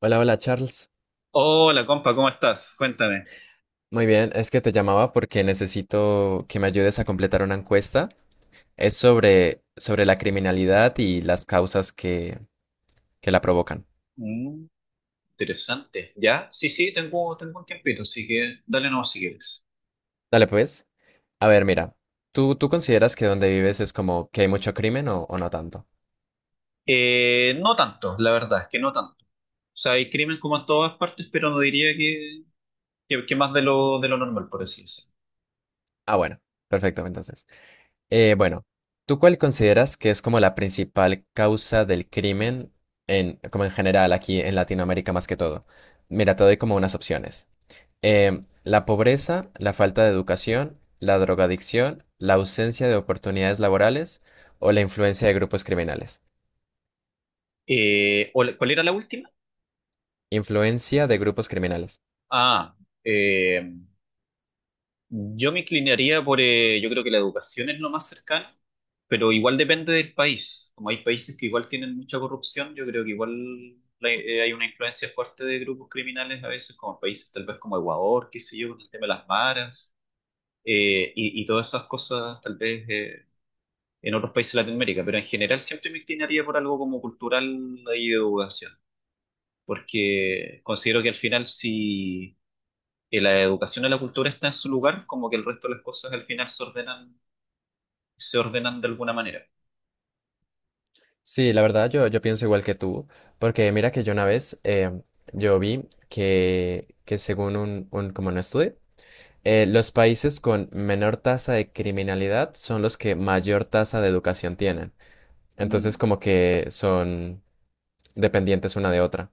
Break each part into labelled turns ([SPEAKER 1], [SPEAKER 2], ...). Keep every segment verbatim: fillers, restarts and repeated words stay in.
[SPEAKER 1] Hola, hola Charles.
[SPEAKER 2] Hola, compa, ¿cómo estás? Cuéntame.
[SPEAKER 1] Muy bien, es que te llamaba porque necesito que me ayudes a completar una encuesta. Es sobre, sobre la criminalidad y las causas que, que la provocan.
[SPEAKER 2] Mm, interesante. ¿Ya? Sí, sí, tengo, tengo un tiempito, así que dale nomás si quieres.
[SPEAKER 1] Dale, pues. A ver, mira, ¿tú, tú consideras que donde vives es como que hay mucho crimen o, o no tanto?
[SPEAKER 2] Eh, no tanto, la verdad, es que no tanto. O sea, hay crimen como en todas partes, pero no diría que, que, que más de lo, de lo normal, por así decirlo.
[SPEAKER 1] Ah, bueno, perfecto, entonces. Eh, bueno, ¿tú cuál consideras que es como la principal causa del crimen en, como en general aquí en Latinoamérica más que todo? Mira, te doy como unas opciones. Em, la pobreza, la falta de educación, la drogadicción, la ausencia de oportunidades laborales o la influencia de grupos criminales.
[SPEAKER 2] Eh, ¿cuál cuál era la última?
[SPEAKER 1] Influencia de grupos criminales.
[SPEAKER 2] Ah, eh, Yo me inclinaría por, eh, yo creo que la educación es lo más cercano, pero igual depende del país. Como hay países que igual tienen mucha corrupción, yo creo que igual la- eh, hay una influencia fuerte de grupos criminales a veces, como países tal vez como Ecuador, qué sé yo, con el tema de las maras eh, y, y todas esas cosas tal vez, eh, en otros países de Latinoamérica, pero en general siempre me inclinaría por algo como cultural y de educación, porque considero que al final si y la educación y la cultura está en su lugar, como que el resto de las cosas al final se ordenan, se ordenan de alguna manera.
[SPEAKER 1] Sí, la verdad yo, yo pienso igual que tú, porque mira que yo una vez em, yo vi que, que según un, un- como un estudio, eh, los países con menor tasa de criminalidad son los que mayor tasa de educación tienen. Entonces
[SPEAKER 2] Mm.
[SPEAKER 1] como que son dependientes una de otra.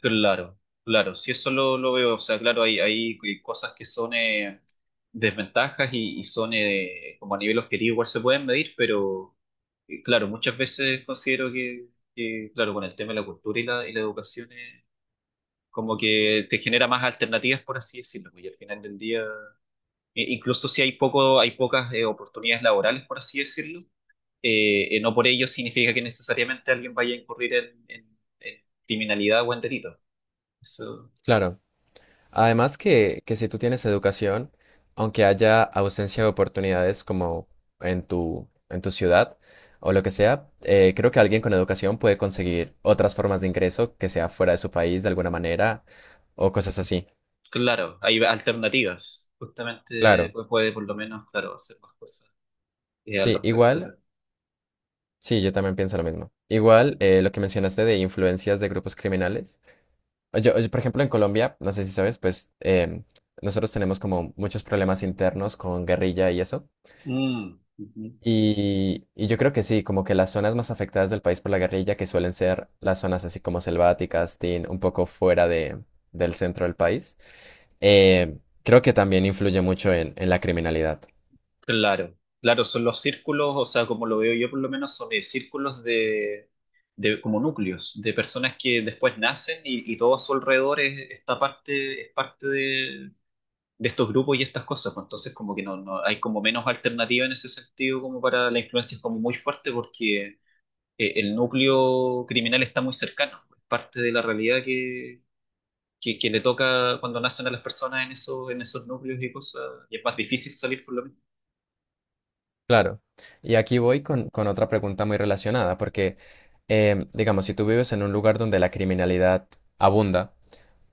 [SPEAKER 2] Claro, claro, si eso lo, lo veo, o sea, claro, hay, hay cosas que son eh, desventajas y, y son eh, como a nivel objetivo igual se pueden medir, pero eh, claro, muchas veces considero que, que, claro, con el tema de la cultura y la, y la educación, eh, como que te genera más alternativas, por así decirlo, y al final del día eh, incluso si hay poco, hay pocas eh, oportunidades laborales, por así decirlo, eh, eh, no por ello significa que necesariamente alguien vaya a incurrir en, en- en criminalidad o en delito. Eso,
[SPEAKER 1] Claro. Además que, que si tú tienes educación, aunque haya ausencia de oportunidades como en tu, en tu ciudad o lo que sea, eh, creo que alguien con educación puede conseguir otras formas de ingreso que sea fuera de su país de alguna manera o cosas así.
[SPEAKER 2] claro, hay alternativas. Justamente
[SPEAKER 1] Claro,
[SPEAKER 2] pues, puede por lo menos, claro, hacer más cosas eh, al
[SPEAKER 1] sí,
[SPEAKER 2] respecto.
[SPEAKER 1] igual, sí, yo también pienso lo mismo. Igual eh, lo que mencionaste de influencias de grupos criminales. Yo, yo, por ejemplo, en Colombia, no sé si sabes, pues em, nosotros tenemos como muchos problemas internos con guerrilla y eso.
[SPEAKER 2] Mm, ujú.
[SPEAKER 1] Y, y yo creo que sí, como que las zonas más afectadas del país por la guerrilla, que suelen ser las zonas así como selváticas, tin, un poco fuera de, del centro del país, eh, creo que también influye mucho en, en la criminalidad.
[SPEAKER 2] Claro, claro, son los círculos, o sea, como lo veo yo por lo menos, son eh, círculos de, de como núcleos, de personas que después nacen y, y todo a su alrededor es, esta parte, es parte de, de estos grupos y estas cosas, pues entonces como que no, no hay como menos alternativa en ese sentido como para la influencia es como muy fuerte porque eh, el núcleo criminal está muy cercano, es parte de la realidad que, que, que le toca cuando nacen a las personas en, esos en esos núcleos y cosas, y es más difícil salir por lo menos.
[SPEAKER 1] Claro. Y aquí voy con, con otra pregunta muy relacionada, porque, eh, digamos, si tú vives en un lugar donde la criminalidad abunda,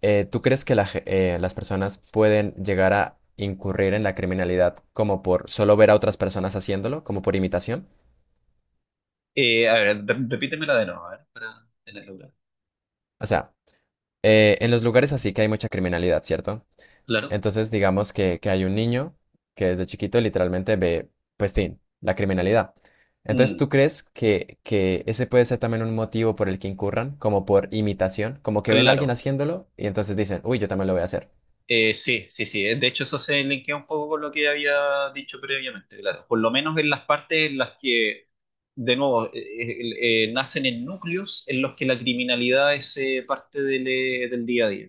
[SPEAKER 1] eh, ¿tú crees que la ge- eh, las personas pueden llegar a incurrir en la criminalidad como por solo ver a otras personas haciéndolo, como por imitación?
[SPEAKER 2] Eh, a ver, re- repítemela de nuevo, a ver, para tenerla clara.
[SPEAKER 1] O sea, eh, en los lugares así que hay mucha criminalidad, ¿cierto?
[SPEAKER 2] Claro.
[SPEAKER 1] Entonces, digamos que, que hay un niño que desde chiquito literalmente ve, pues, tin, la criminalidad. Entonces,
[SPEAKER 2] Mm,
[SPEAKER 1] ¿tú crees que, que ese puede ser también un motivo por el que incurran, como por imitación? Como que ven a alguien
[SPEAKER 2] claro.
[SPEAKER 1] haciéndolo y entonces dicen, uy, yo también lo voy a hacer.
[SPEAKER 2] Eh, sí, sí, sí. De hecho, eso se linkea un poco con lo que había dicho previamente, claro. Por lo menos en las partes en las que, de nuevo, eh, eh, eh, nacen en núcleos en los que la criminalidad es eh, parte del, eh, del día a día,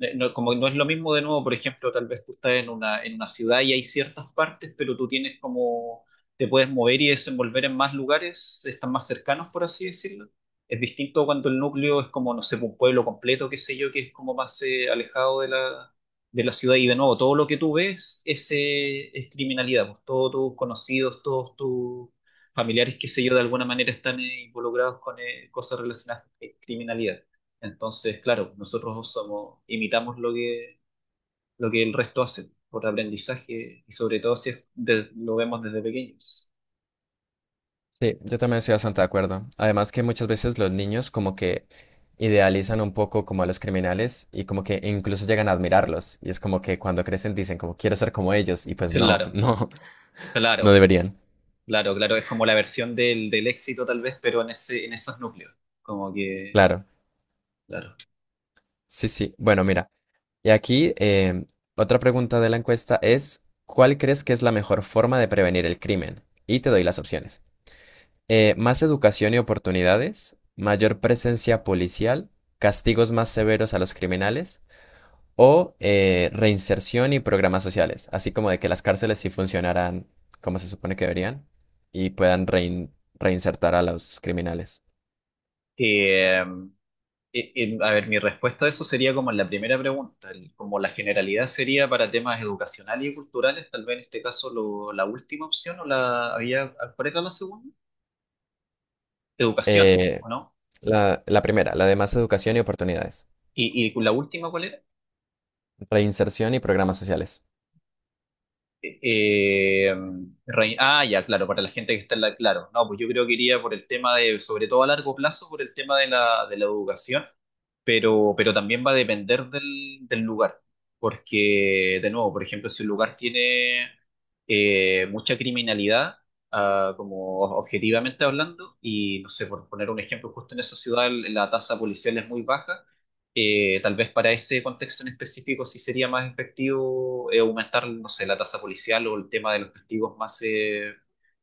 [SPEAKER 2] eh, no, como no es lo mismo de nuevo, por ejemplo, tal vez tú estás en una, en una ciudad y hay ciertas partes, pero tú tienes como, te puedes mover y desenvolver en más lugares, están más cercanos, por así decirlo. Es distinto cuando el núcleo es como, no sé, un pueblo completo, qué sé yo, que es como más eh, alejado de la, de la ciudad. Y de nuevo, todo lo que tú ves es, eh, es criminalidad, pues todos tus conocidos, todos tus familiares, qué sé yo, de alguna manera están eh, involucrados con eh, cosas relacionadas con criminalidad. Entonces, claro, nosotros somos, imitamos lo que, lo que el resto hace por aprendizaje y sobre todo si es de- lo vemos desde pequeños.
[SPEAKER 1] Sí, yo también estoy bastante de acuerdo. Además que muchas veces los niños como que idealizan un poco como a los criminales y como que incluso llegan a admirarlos. Y es como que cuando crecen dicen como quiero ser como ellos y pues no,
[SPEAKER 2] Claro,
[SPEAKER 1] no, no
[SPEAKER 2] claro,
[SPEAKER 1] deberían.
[SPEAKER 2] claro, claro. Es como la versión del, del éxito tal vez, pero en ese, en esos núcleos. Como que,
[SPEAKER 1] Claro,
[SPEAKER 2] claro.
[SPEAKER 1] sí, sí. Bueno, mira, y aquí em, otra pregunta de la encuesta es, ¿cuál crees que es la mejor forma de prevenir el crimen? Y te doy las opciones. Eh, más educación y oportunidades, mayor presencia policial, castigos más severos a los criminales o eh, reinserción y programas sociales, así como de que las cárceles sí funcionaran como se supone que deberían y puedan rein- reinsertar a los criminales.
[SPEAKER 2] Eh, eh, eh, em, a ver, mi respuesta a eso sería como en la primera pregunta, el- como la generalidad sería para temas educacionales y culturales, tal vez en este caso lo- la última opción o la había, ¿cuál era la segunda? Educación,
[SPEAKER 1] Eh,
[SPEAKER 2] ¿o no?
[SPEAKER 1] la, la primera, la de más educación y oportunidades.
[SPEAKER 2] Y, y la última, ¿cuál era?
[SPEAKER 1] Reinserción y programas sociales.
[SPEAKER 2] Eh, em, Rey- ah, ya, claro, para la gente que está en la... Claro, no, pues yo creo que iría por el tema de, sobre todo a largo plazo, por el tema de la, de la educación, pero, pero también va a depender del, del lugar, porque, de nuevo, por ejemplo, si un lugar tiene eh, mucha criminalidad, ah, como objetivamente hablando, y no sé, por poner un ejemplo, justo en esa ciudad la tasa policial es muy baja, eh, tal vez para ese contexto en específico sí sería más efectivo eh, aumentar, no sé, la tasa policial o el tema de los castigos más, eh,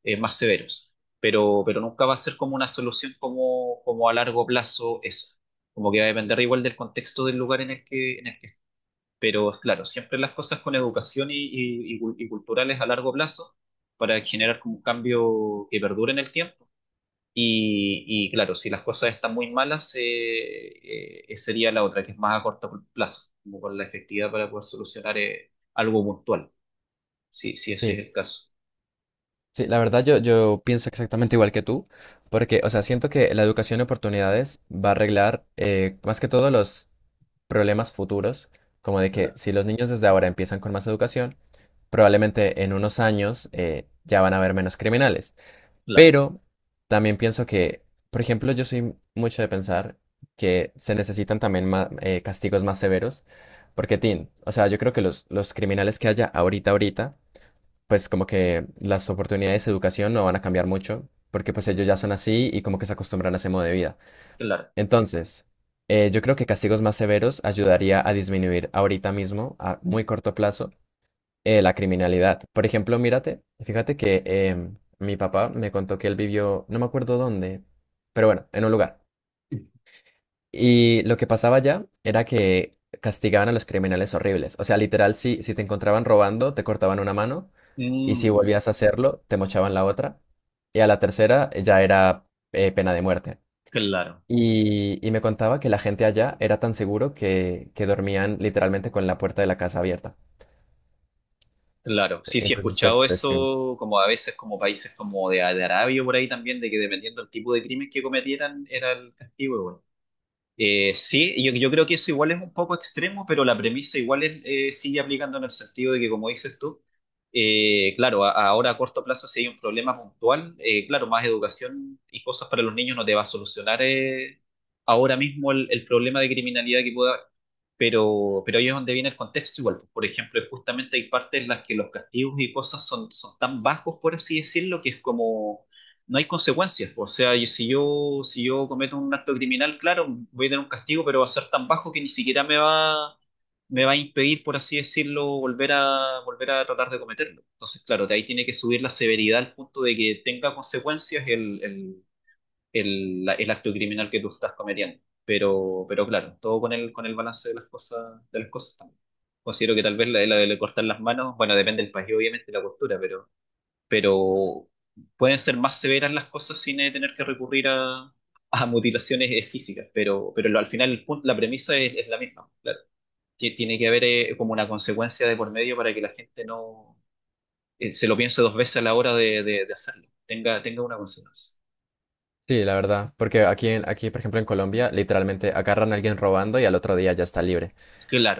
[SPEAKER 2] eh, más severos. Pero, pero nunca va a ser como una solución como, como a largo plazo eso. Como que va a depender igual del contexto del lugar en el que, en el que... Pero claro, siempre las cosas con educación y, y, y cul- y culturales a largo plazo para generar como un cambio que perdure en el tiempo y, y claro, si las cosas están muy malas, eh, eh, sería la otra, que es más a corto plazo, como con la efectividad para poder solucionar eh, algo puntual, si, si ese es
[SPEAKER 1] Sí,
[SPEAKER 2] el caso.
[SPEAKER 1] sí, la verdad yo, yo pienso exactamente igual que tú, porque, o sea, siento que la educación y oportunidades va a arreglar eh, más que todo los problemas futuros, como de que
[SPEAKER 2] Claro,
[SPEAKER 1] si los niños desde ahora empiezan con más educación, probablemente en unos años eh, ya van a haber menos criminales.
[SPEAKER 2] claro,
[SPEAKER 1] Pero también pienso que, por ejemplo, yo soy mucho de pensar que se necesitan también ma- eh, castigos más severos, porque, Tin, o sea, yo creo que los, los criminales que haya ahorita, ahorita, pues como que las oportunidades de educación no van a cambiar mucho, porque pues ellos ya son así y como que se acostumbran a ese modo de vida.
[SPEAKER 2] claro.
[SPEAKER 1] Entonces, eh, yo creo que castigos más severos ayudaría a disminuir ahorita mismo, a muy corto plazo, eh, la criminalidad. Por ejemplo, mírate, fíjate que em, mi papá me contó que él vivió, no me acuerdo dónde, pero bueno, en un lugar. Y lo que pasaba allá era que castigaban a los criminales horribles. O sea, literal, si, si te encontraban robando, te cortaban una mano y si
[SPEAKER 2] Mm,
[SPEAKER 1] volvías a hacerlo, te mochaban la otra. Y a la tercera eh, ya era eh, pena de muerte.
[SPEAKER 2] claro.
[SPEAKER 1] Y, y me contaba que la gente allá era tan seguro que, que dormían literalmente con la puerta de la casa abierta.
[SPEAKER 2] Claro, sí, sí, he
[SPEAKER 1] Entonces, pues,
[SPEAKER 2] escuchado
[SPEAKER 1] pues sí.
[SPEAKER 2] eso, como a veces como países como de, de Arabia por ahí también, de que dependiendo del tipo de crimen que cometieran era el castigo. Eh, sí, yo, yo creo que eso igual es un poco extremo, pero la premisa igual es, eh, sigue aplicando en el sentido de que, como dices tú, eh, claro, a- ahora a corto plazo si hay un problema puntual, eh, claro, más educación y cosas para los niños no te va a solucionar eh, ahora mismo el, el problema de criminalidad que pueda haber, pero, pero ahí es donde viene el contexto igual. Pues, por ejemplo, justamente hay partes en las que los castigos y cosas son, son tan bajos, por así decirlo, que es como no hay consecuencias. O sea, y si yo, si yo cometo un acto criminal, claro, voy a tener un castigo, pero va a ser tan bajo que ni siquiera me va, me va a impedir, por así decirlo, volver a, volver a tratar de cometerlo. Entonces, claro, de ahí tiene que subir la severidad al punto de que tenga consecuencias el, el, el, la- el acto criminal que tú estás cometiendo. Pero, pero claro, todo con el, con el balance de las cosas, de las cosas también. Considero que tal vez la, la de cortar las manos, bueno, depende del país, obviamente, la cultura, pero pero pueden ser más severas las cosas sin eh, tener que recurrir a, a mutilaciones eh, físicas, pero, pero lo- al final el punto, la premisa es, es la misma, claro. Tie- Tiene que haber, eh, como una consecuencia de por medio para que la gente no eh, se lo piense dos veces a la hora de, de- de hacerlo, tenga, tenga una consecuencia.
[SPEAKER 1] Sí, la verdad. Porque aquí, en- aquí, por ejemplo, en Colombia, literalmente agarran a alguien robando y al otro día ya está libre.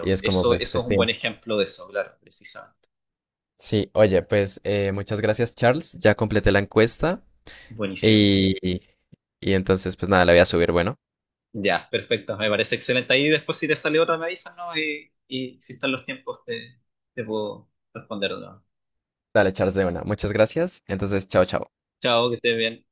[SPEAKER 1] Y es como,
[SPEAKER 2] eso,
[SPEAKER 1] pues,
[SPEAKER 2] eso es un buen
[SPEAKER 1] festín.
[SPEAKER 2] ejemplo de eso, claro, precisamente.
[SPEAKER 1] Sí, oye, pues eh, muchas gracias, Charles. Ya completé la encuesta
[SPEAKER 2] Buenísimo.
[SPEAKER 1] y, y entonces, pues nada, la voy a subir. Bueno,
[SPEAKER 2] Ya, perfecto, me parece excelente. Ahí después si te sale otra me avisas, ¿no? Y, y si están los tiempos te, te puedo responder, ¿no?
[SPEAKER 1] dale, Charles, de una. Muchas gracias. Entonces, chao, chao.
[SPEAKER 2] Chao, que estés bien.